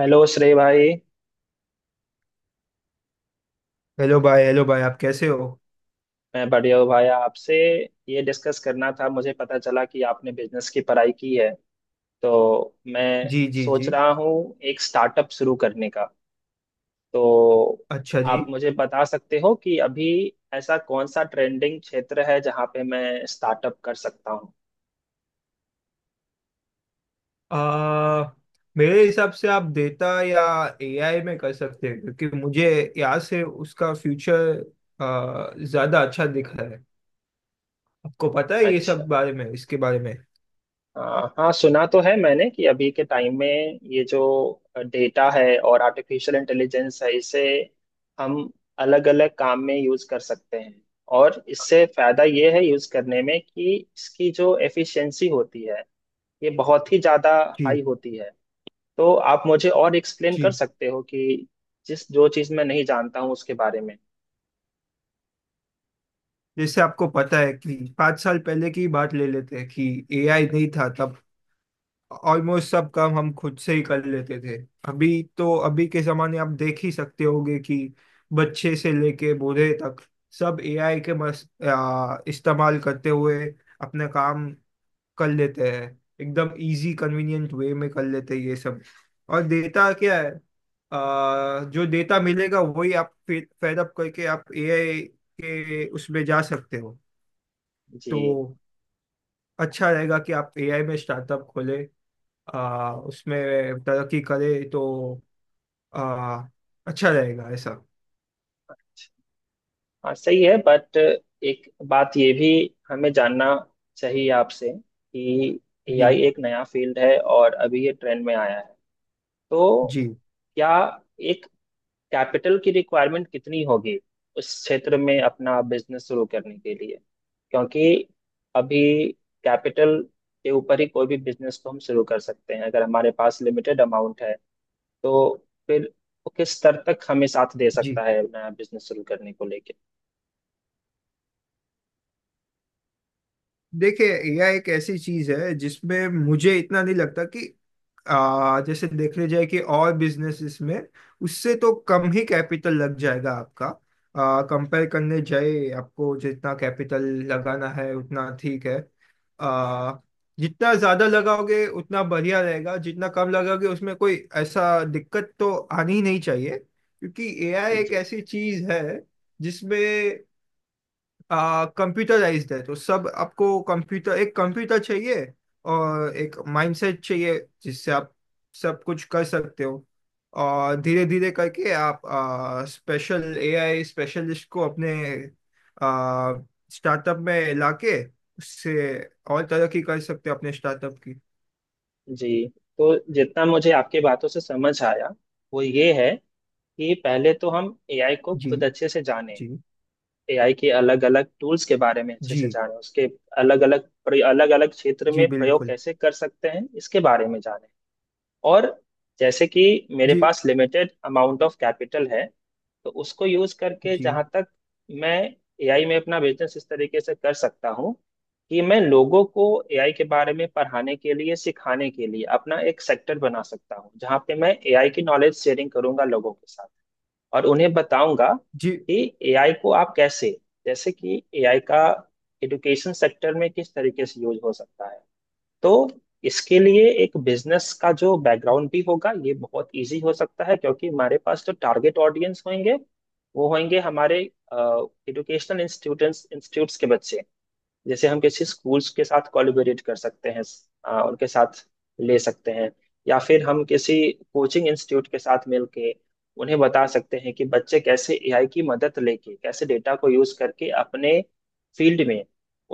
Hello Shrey भाई। Hello भाई। Hello भाई, आप कैसे हो? मैं बढ़िया हूँ भाई। आपसे ये डिस्कस करना था। मुझे पता चला कि आपने बिजनेस की पढ़ाई की है, तो मैं जी जी सोच जी। रहा हूँ एक स्टार्टअप शुरू करने का। तो अच्छा जी। आप मुझे बता सकते हो कि अभी ऐसा कौन सा ट्रेंडिंग क्षेत्र है जहाँ पे मैं स्टार्टअप कर सकता हूँ। आ, मेरे हिसाब से आप डेटा या एआई में कर सकते हैं, क्योंकि मुझे यहाँ से उसका फ्यूचर ज़्यादा अच्छा दिख रहा है। आपको पता है ये अच्छा। सब बारे में, इसके बारे में? हाँ, सुना तो है मैंने कि अभी के टाइम में ये जो डेटा है और आर्टिफिशियल इंटेलिजेंस है, इसे हम अलग अलग काम में यूज कर सकते हैं। और इससे फायदा ये है यूज करने में कि इसकी जो एफिशिएंसी होती है ये बहुत ही ज्यादा हाई जी होती है। तो आप मुझे और एक्सप्लेन कर जी। सकते हो कि जिस जो चीज मैं नहीं जानता हूँ उसके बारे में। जैसे आपको पता है कि पाँच साल पहले की बात ले लेते हैं कि एआई नहीं था तब, ऑलमोस्ट सब काम हम खुद से ही कर लेते थे। अभी तो अभी के जमाने आप देख ही सकते होंगे कि बच्चे से लेके बूढ़े तक सब एआई के मस इस्तेमाल करते हुए अपने काम कर लेते हैं। एकदम इजी कन्वीनियंट वे में कर लेते हैं ये सब। और डेटा क्या है? जो डेटा मिलेगा वही आप फेड अप करके आप एआई के उसमें जा सकते हो। तो जी। अच्छा रहेगा कि आप एआई में स्टार्टअप खोले, उसमें तरक्की करे तो आ, अच्छा रहेगा ऐसा। हाँ सही है, बट एक बात ये भी हमें जानना चाहिए आपसे कि एआई जी एक नया फील्ड है और अभी ये ट्रेंड में आया है। तो जी क्या एक कैपिटल की रिक्वायरमेंट कितनी होगी उस क्षेत्र में अपना बिजनेस शुरू करने के लिए, क्योंकि अभी कैपिटल के ऊपर ही कोई भी बिजनेस को हम शुरू कर सकते हैं। अगर हमारे पास लिमिटेड अमाउंट है तो फिर वो किस स्तर तक हमें साथ दे सकता जी। है नया बिजनेस शुरू करने को लेके। देखिए, एआई एक ऐसी चीज है जिसमें मुझे इतना नहीं लगता कि जैसे देखने जाए कि और बिजनेसेस में उससे तो कम ही कैपिटल लग जाएगा आपका। कंपेयर करने जाए आपको जितना कैपिटल लगाना है उतना ठीक है। आ, जितना ज्यादा लगाओगे उतना बढ़िया रहेगा, जितना कम लगाओगे उसमें कोई ऐसा दिक्कत तो आनी ही नहीं चाहिए, क्योंकि एआई जी एक ऐसी चीज है जिसमें कंप्यूटराइज्ड है तो सब। आपको कंप्यूटर, एक कंप्यूटर चाहिए और एक माइंडसेट चाहिए जिससे आप सब कुछ कर सकते हो। और धीरे धीरे करके आप स्पेशल एआई स्पेशलिस्ट को अपने स्टार्टअप में लाके उससे और तरक्की कर सकते हो अपने स्टार्टअप की। जी। तो जितना मुझे आपकी बातों से समझ आया वो ये है कि पहले तो हम एआई को जी खुद अच्छे से जाने, जी। एआई के अलग अलग टूल्स के बारे में अच्छे जी से जाने, उसके अलग अलग अलग अलग क्षेत्र जी में प्रयोग बिल्कुल। कैसे कर सकते हैं इसके बारे में जाने। और जैसे कि मेरे जी पास लिमिटेड अमाउंट ऑफ कैपिटल है, तो उसको यूज करके जी। जहां तक मैं एआई में अपना बिजनेस इस तरीके से कर सकता हूँ कि मैं लोगों को एआई के बारे में पढ़ाने के लिए, सिखाने के लिए अपना एक सेक्टर बना सकता हूँ जहाँ पे मैं एआई की नॉलेज शेयरिंग करूंगा लोगों के साथ और उन्हें बताऊंगा जी कि एआई को आप कैसे, जैसे कि एआई का एजुकेशन सेक्टर में किस तरीके से यूज हो सकता है। तो इसके लिए एक बिजनेस का जो बैकग्राउंड भी होगा ये बहुत इजी हो सकता है, क्योंकि हमारे पास जो टारगेट ऑडियंस होंगे वो होंगे हमारे एजुकेशनल इंस्टीट्यूट्स के बच्चे। जैसे हम किसी स्कूल्स के साथ कोलैबोरेट कर सकते हैं, उनके साथ ले सकते हैं, या फिर हम किसी कोचिंग इंस्टीट्यूट के साथ मिलके उन्हें बता सकते हैं कि बच्चे कैसे एआई की मदद लेके, कैसे डेटा को यूज करके अपने फील्ड में,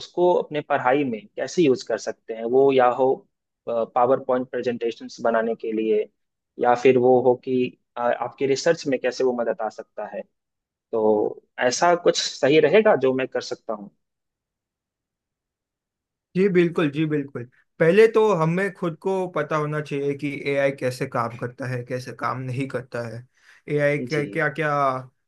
उसको अपने पढ़ाई में कैसे यूज कर सकते हैं, वो या हो पावर पॉइंट प्रेजेंटेशंस बनाने के लिए, या फिर वो हो कि आपके रिसर्च में कैसे वो मदद आ सकता है। तो ऐसा कुछ सही रहेगा जो मैं कर सकता हूँ। जी बिल्कुल। जी बिल्कुल। पहले तो हमें खुद को पता होना चाहिए कि एआई कैसे काम करता है, कैसे काम नहीं करता है। एआई के जी क्या क्या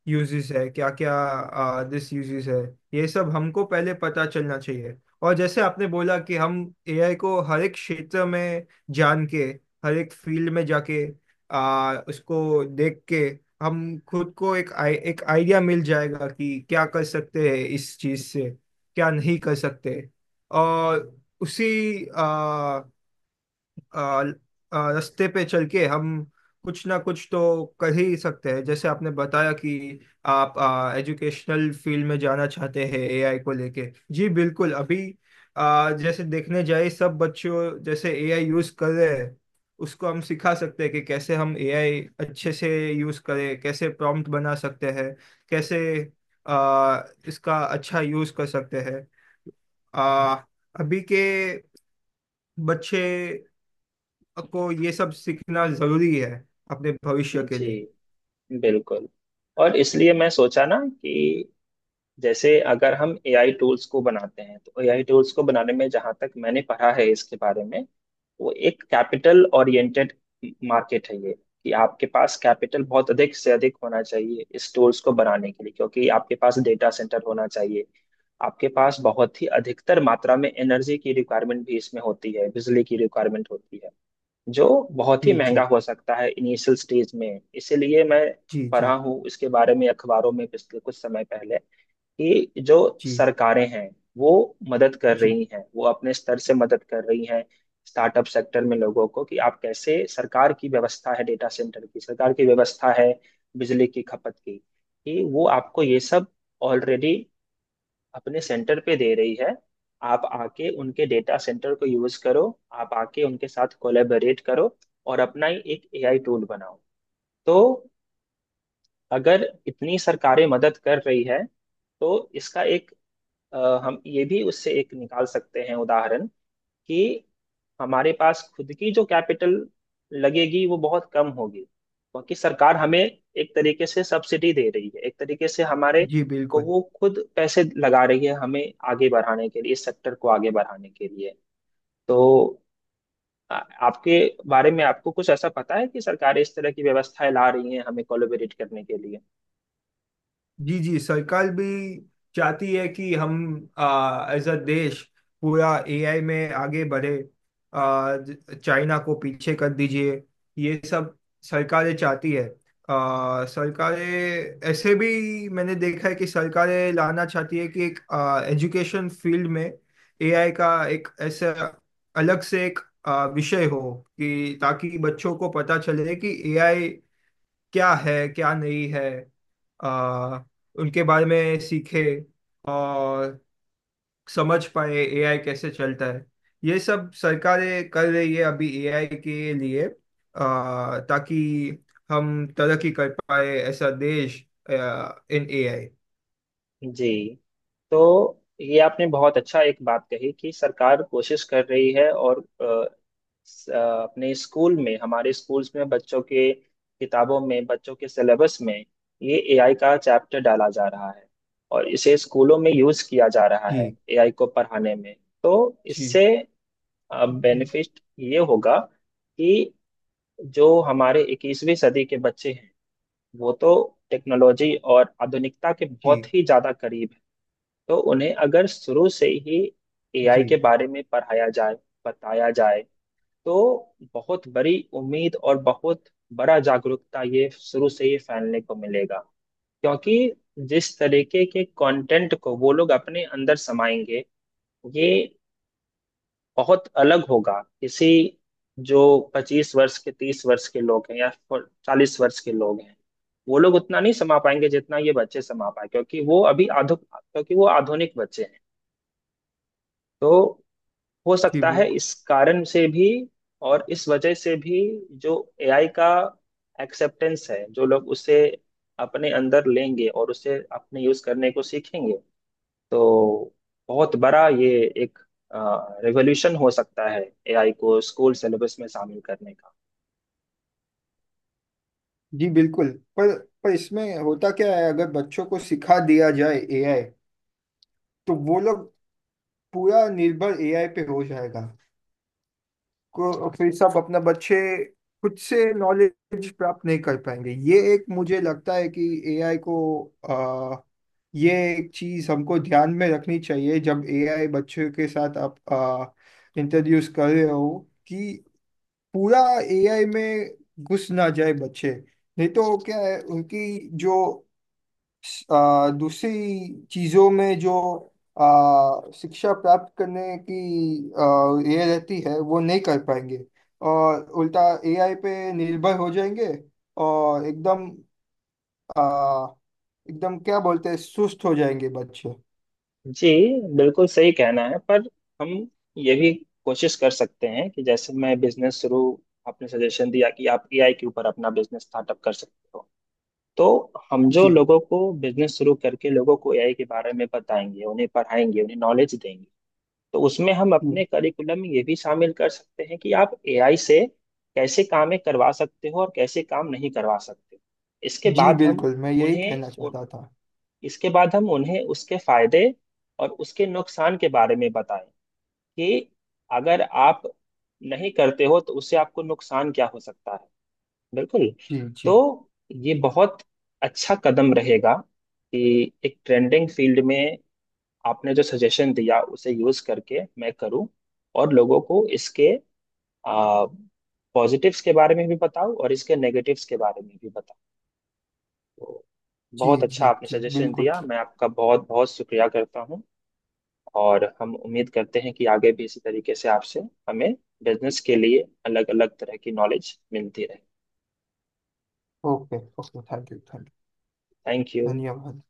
यूजेस है, क्या क्या दिस यूजेस है, ये सब हमको पहले पता चलना चाहिए। और जैसे आपने बोला कि हम एआई को हर एक क्षेत्र में जान के, हर एक फील्ड में जाके उसको देख के हम खुद को एक एक आइडिया मिल जाएगा कि क्या कर सकते हैं इस चीज से, क्या नहीं कर सकते। और उसी आ, आ, आ, रास्ते पे चल के हम कुछ ना कुछ तो कर ही सकते हैं। जैसे आपने बताया कि आप एजुकेशनल फील्ड में जाना चाहते हैं एआई को लेके। जी बिल्कुल। अभी जैसे देखने जाए सब बच्चों जैसे एआई यूज कर रहे हैं, उसको हम सिखा सकते हैं कि कैसे हम एआई अच्छे से यूज करें, कैसे प्रॉम्प्ट बना सकते हैं, कैसे आ, इसका अच्छा यूज कर सकते हैं। आ, अभी के बच्चे को ये सब सीखना जरूरी है अपने भविष्य के जी लिए। बिल्कुल। और इसलिए मैं सोचा ना कि जैसे अगर हम एआई टूल्स को बनाते हैं तो एआई टूल्स को बनाने में, जहां तक मैंने पढ़ा है इसके बारे में, वो एक कैपिटल ओरिएंटेड मार्केट है ये, कि आपके पास कैपिटल बहुत अधिक से अधिक होना चाहिए इस टूल्स को बनाने के लिए, क्योंकि आपके पास डेटा सेंटर होना चाहिए, आपके पास बहुत ही अधिकतर मात्रा में एनर्जी की रिक्वायरमेंट भी इसमें होती है, बिजली की रिक्वायरमेंट होती है जो बहुत ही जी। महंगा जी हो सकता है इनिशियल स्टेज में। इसीलिए मैं जी। पढ़ा जी हूँ इसके बारे में अखबारों में पिछले कुछ समय पहले कि जो जी। सरकारें हैं वो मदद कर जी रही हैं, वो अपने स्तर से मदद कर रही हैं स्टार्टअप सेक्टर में लोगों को, कि आप कैसे, सरकार की व्यवस्था है डेटा सेंटर की, सरकार की व्यवस्था है बिजली की खपत की, कि वो आपको ये सब ऑलरेडी अपने सेंटर पे दे रही है। आप आके उनके डेटा सेंटर को यूज करो, आप आके उनके साथ कोलेबरेट करो और अपना ही एक एआई टूल बनाओ। तो अगर इतनी सरकारें मदद कर रही है तो इसका एक अ, हम ये भी उससे एक निकाल सकते हैं उदाहरण, कि हमारे पास खुद की जो कैपिटल लगेगी वो बहुत कम होगी क्योंकि सरकार हमें एक तरीके से सब्सिडी दे रही है, एक तरीके से हमारे जी को बिल्कुल। वो खुद पैसे लगा रही है, हमें आगे बढ़ाने के लिए, इस सेक्टर को आगे बढ़ाने के लिए। तो आ- आपके बारे में, आपको कुछ ऐसा पता है कि सरकारें इस तरह की व्यवस्थाएं ला रही हैं हमें कोलैबोरेट करने के लिए? जी जी। सरकार भी चाहती है कि हम एज अ देश पूरा एआई में आगे बढ़े। चाइना को पीछे कर दीजिए, ये सब सरकारें चाहती है। सरकारें ऐसे भी मैंने देखा है कि सरकारें लाना चाहती है कि एक एजुकेशन फील्ड में एआई का एक ऐसा अलग से एक विषय हो कि ताकि बच्चों को पता चले कि एआई क्या है, क्या नहीं है। आ, उनके बारे में सीखे और समझ पाए एआई कैसे चलता है। ये सब सरकारें कर रही है अभी एआई के लिए, ताकि हम तरक्की कर पाए ऐसा देश इन एआई। जी। तो ये आपने बहुत अच्छा एक बात कही कि सरकार कोशिश कर रही है और स- अ, अपने स्कूल में, हमारे स्कूल्स में बच्चों के किताबों में, बच्चों के सिलेबस में ये एआई का चैप्टर डाला जा रहा है और इसे स्कूलों में यूज किया जा रहा है जी एआई को पढ़ाने में। तो जी। इससे जी बेनिफिट ये होगा कि जो हमारे 21वीं सदी के बच्चे हैं, वो तो टेक्नोलॉजी और आधुनिकता के बहुत जी। ही ज्यादा करीब। तो उन्हें अगर शुरू से ही एआई के जी बारे में पढ़ाया जाए, बताया जाए, तो बहुत बड़ी उम्मीद और बहुत बड़ा जागरूकता ये शुरू से ही फैलने को मिलेगा, क्योंकि जिस तरीके के कंटेंट को वो लोग अपने अंदर समाएंगे ये बहुत अलग होगा। किसी जो 25 वर्ष के, 30 वर्ष के लोग हैं या 40 वर्ष के लोग हैं, वो लोग उतना नहीं समा पाएंगे जितना ये बच्चे समा पाए, क्योंकि वो अभी आधु क्योंकि वो आधुनिक बच्चे हैं। तो हो जी सकता है बिल्कुल। इस कारण से भी, और इस वजह से भी जो एआई का एक्सेप्टेंस है, जो लोग उसे अपने अंदर लेंगे और उसे अपने यूज करने को सीखेंगे, तो बहुत बड़ा ये एक रेवोल्यूशन हो सकता है एआई को स्कूल सिलेबस में शामिल करने का। जी बिल्कुल। पर पर इसमें होता क्या है, अगर बच्चों को सिखा दिया जाए एआई तो वो लोग पूरा निर्भर एआई पे हो जाएगा। को फिर सब अपना बच्चे खुद से नॉलेज प्राप्त नहीं कर पाएंगे। ये एक मुझे लगता है कि एआई को आ, ये एक चीज हमको ध्यान में रखनी चाहिए जब एआई बच्चों के साथ आप इंट्रोड्यूस कर रहे हो, कि पूरा एआई में घुस ना जाए बच्चे। नहीं तो क्या है, उनकी जो दूसरी चीजों में जो शिक्षा प्राप्त करने की ये रहती है वो नहीं कर पाएंगे, और उल्टा एआई पे निर्भर हो जाएंगे। और एकदम आ, एकदम क्या बोलते हैं, सुस्त हो जाएंगे बच्चे। जी बिल्कुल सही कहना है, पर हम ये भी कोशिश कर सकते हैं कि जैसे मैं बिजनेस शुरू आपने सजेशन दिया कि आप एआई के ऊपर अपना बिजनेस स्टार्टअप कर सकते हो। तो हम जो जी लोगों को बिजनेस शुरू करके लोगों को एआई के बारे में बताएंगे, उन्हें पढ़ाएंगे, उन्हें नॉलेज देंगे, तो उसमें हम अपने जी। करिकुलम में ये भी शामिल कर सकते हैं कि आप एआई से कैसे कामें करवा सकते हो और कैसे काम नहीं करवा सकते। इसके जी बाद हम बिल्कुल, मैं यही उन्हें कहना उ- चाहता था। उन्हें उसके फायदे और उसके नुकसान के बारे में बताएं, कि अगर आप नहीं करते हो तो उससे आपको नुकसान क्या हो सकता है। बिल्कुल। जी जी। तो ये बहुत अच्छा कदम रहेगा, कि एक ट्रेंडिंग फील्ड में आपने जो सजेशन दिया उसे यूज करके मैं करूं, और लोगों को इसके आ, पॉजिटिव्स के बारे में भी बताऊं और इसके नेगेटिव्स के बारे में भी बताऊं। तो जी बहुत अच्छा जी आपने जी सजेशन बिल्कुल। दिया, मैं आपका बहुत बहुत शुक्रिया करता हूं। और हम उम्मीद करते हैं कि आगे भी इसी तरीके से आपसे हमें बिजनेस के लिए अलग अलग तरह की नॉलेज मिलती रहे। Okay okay, thank you. Thank thank you. You. धन्यवाद।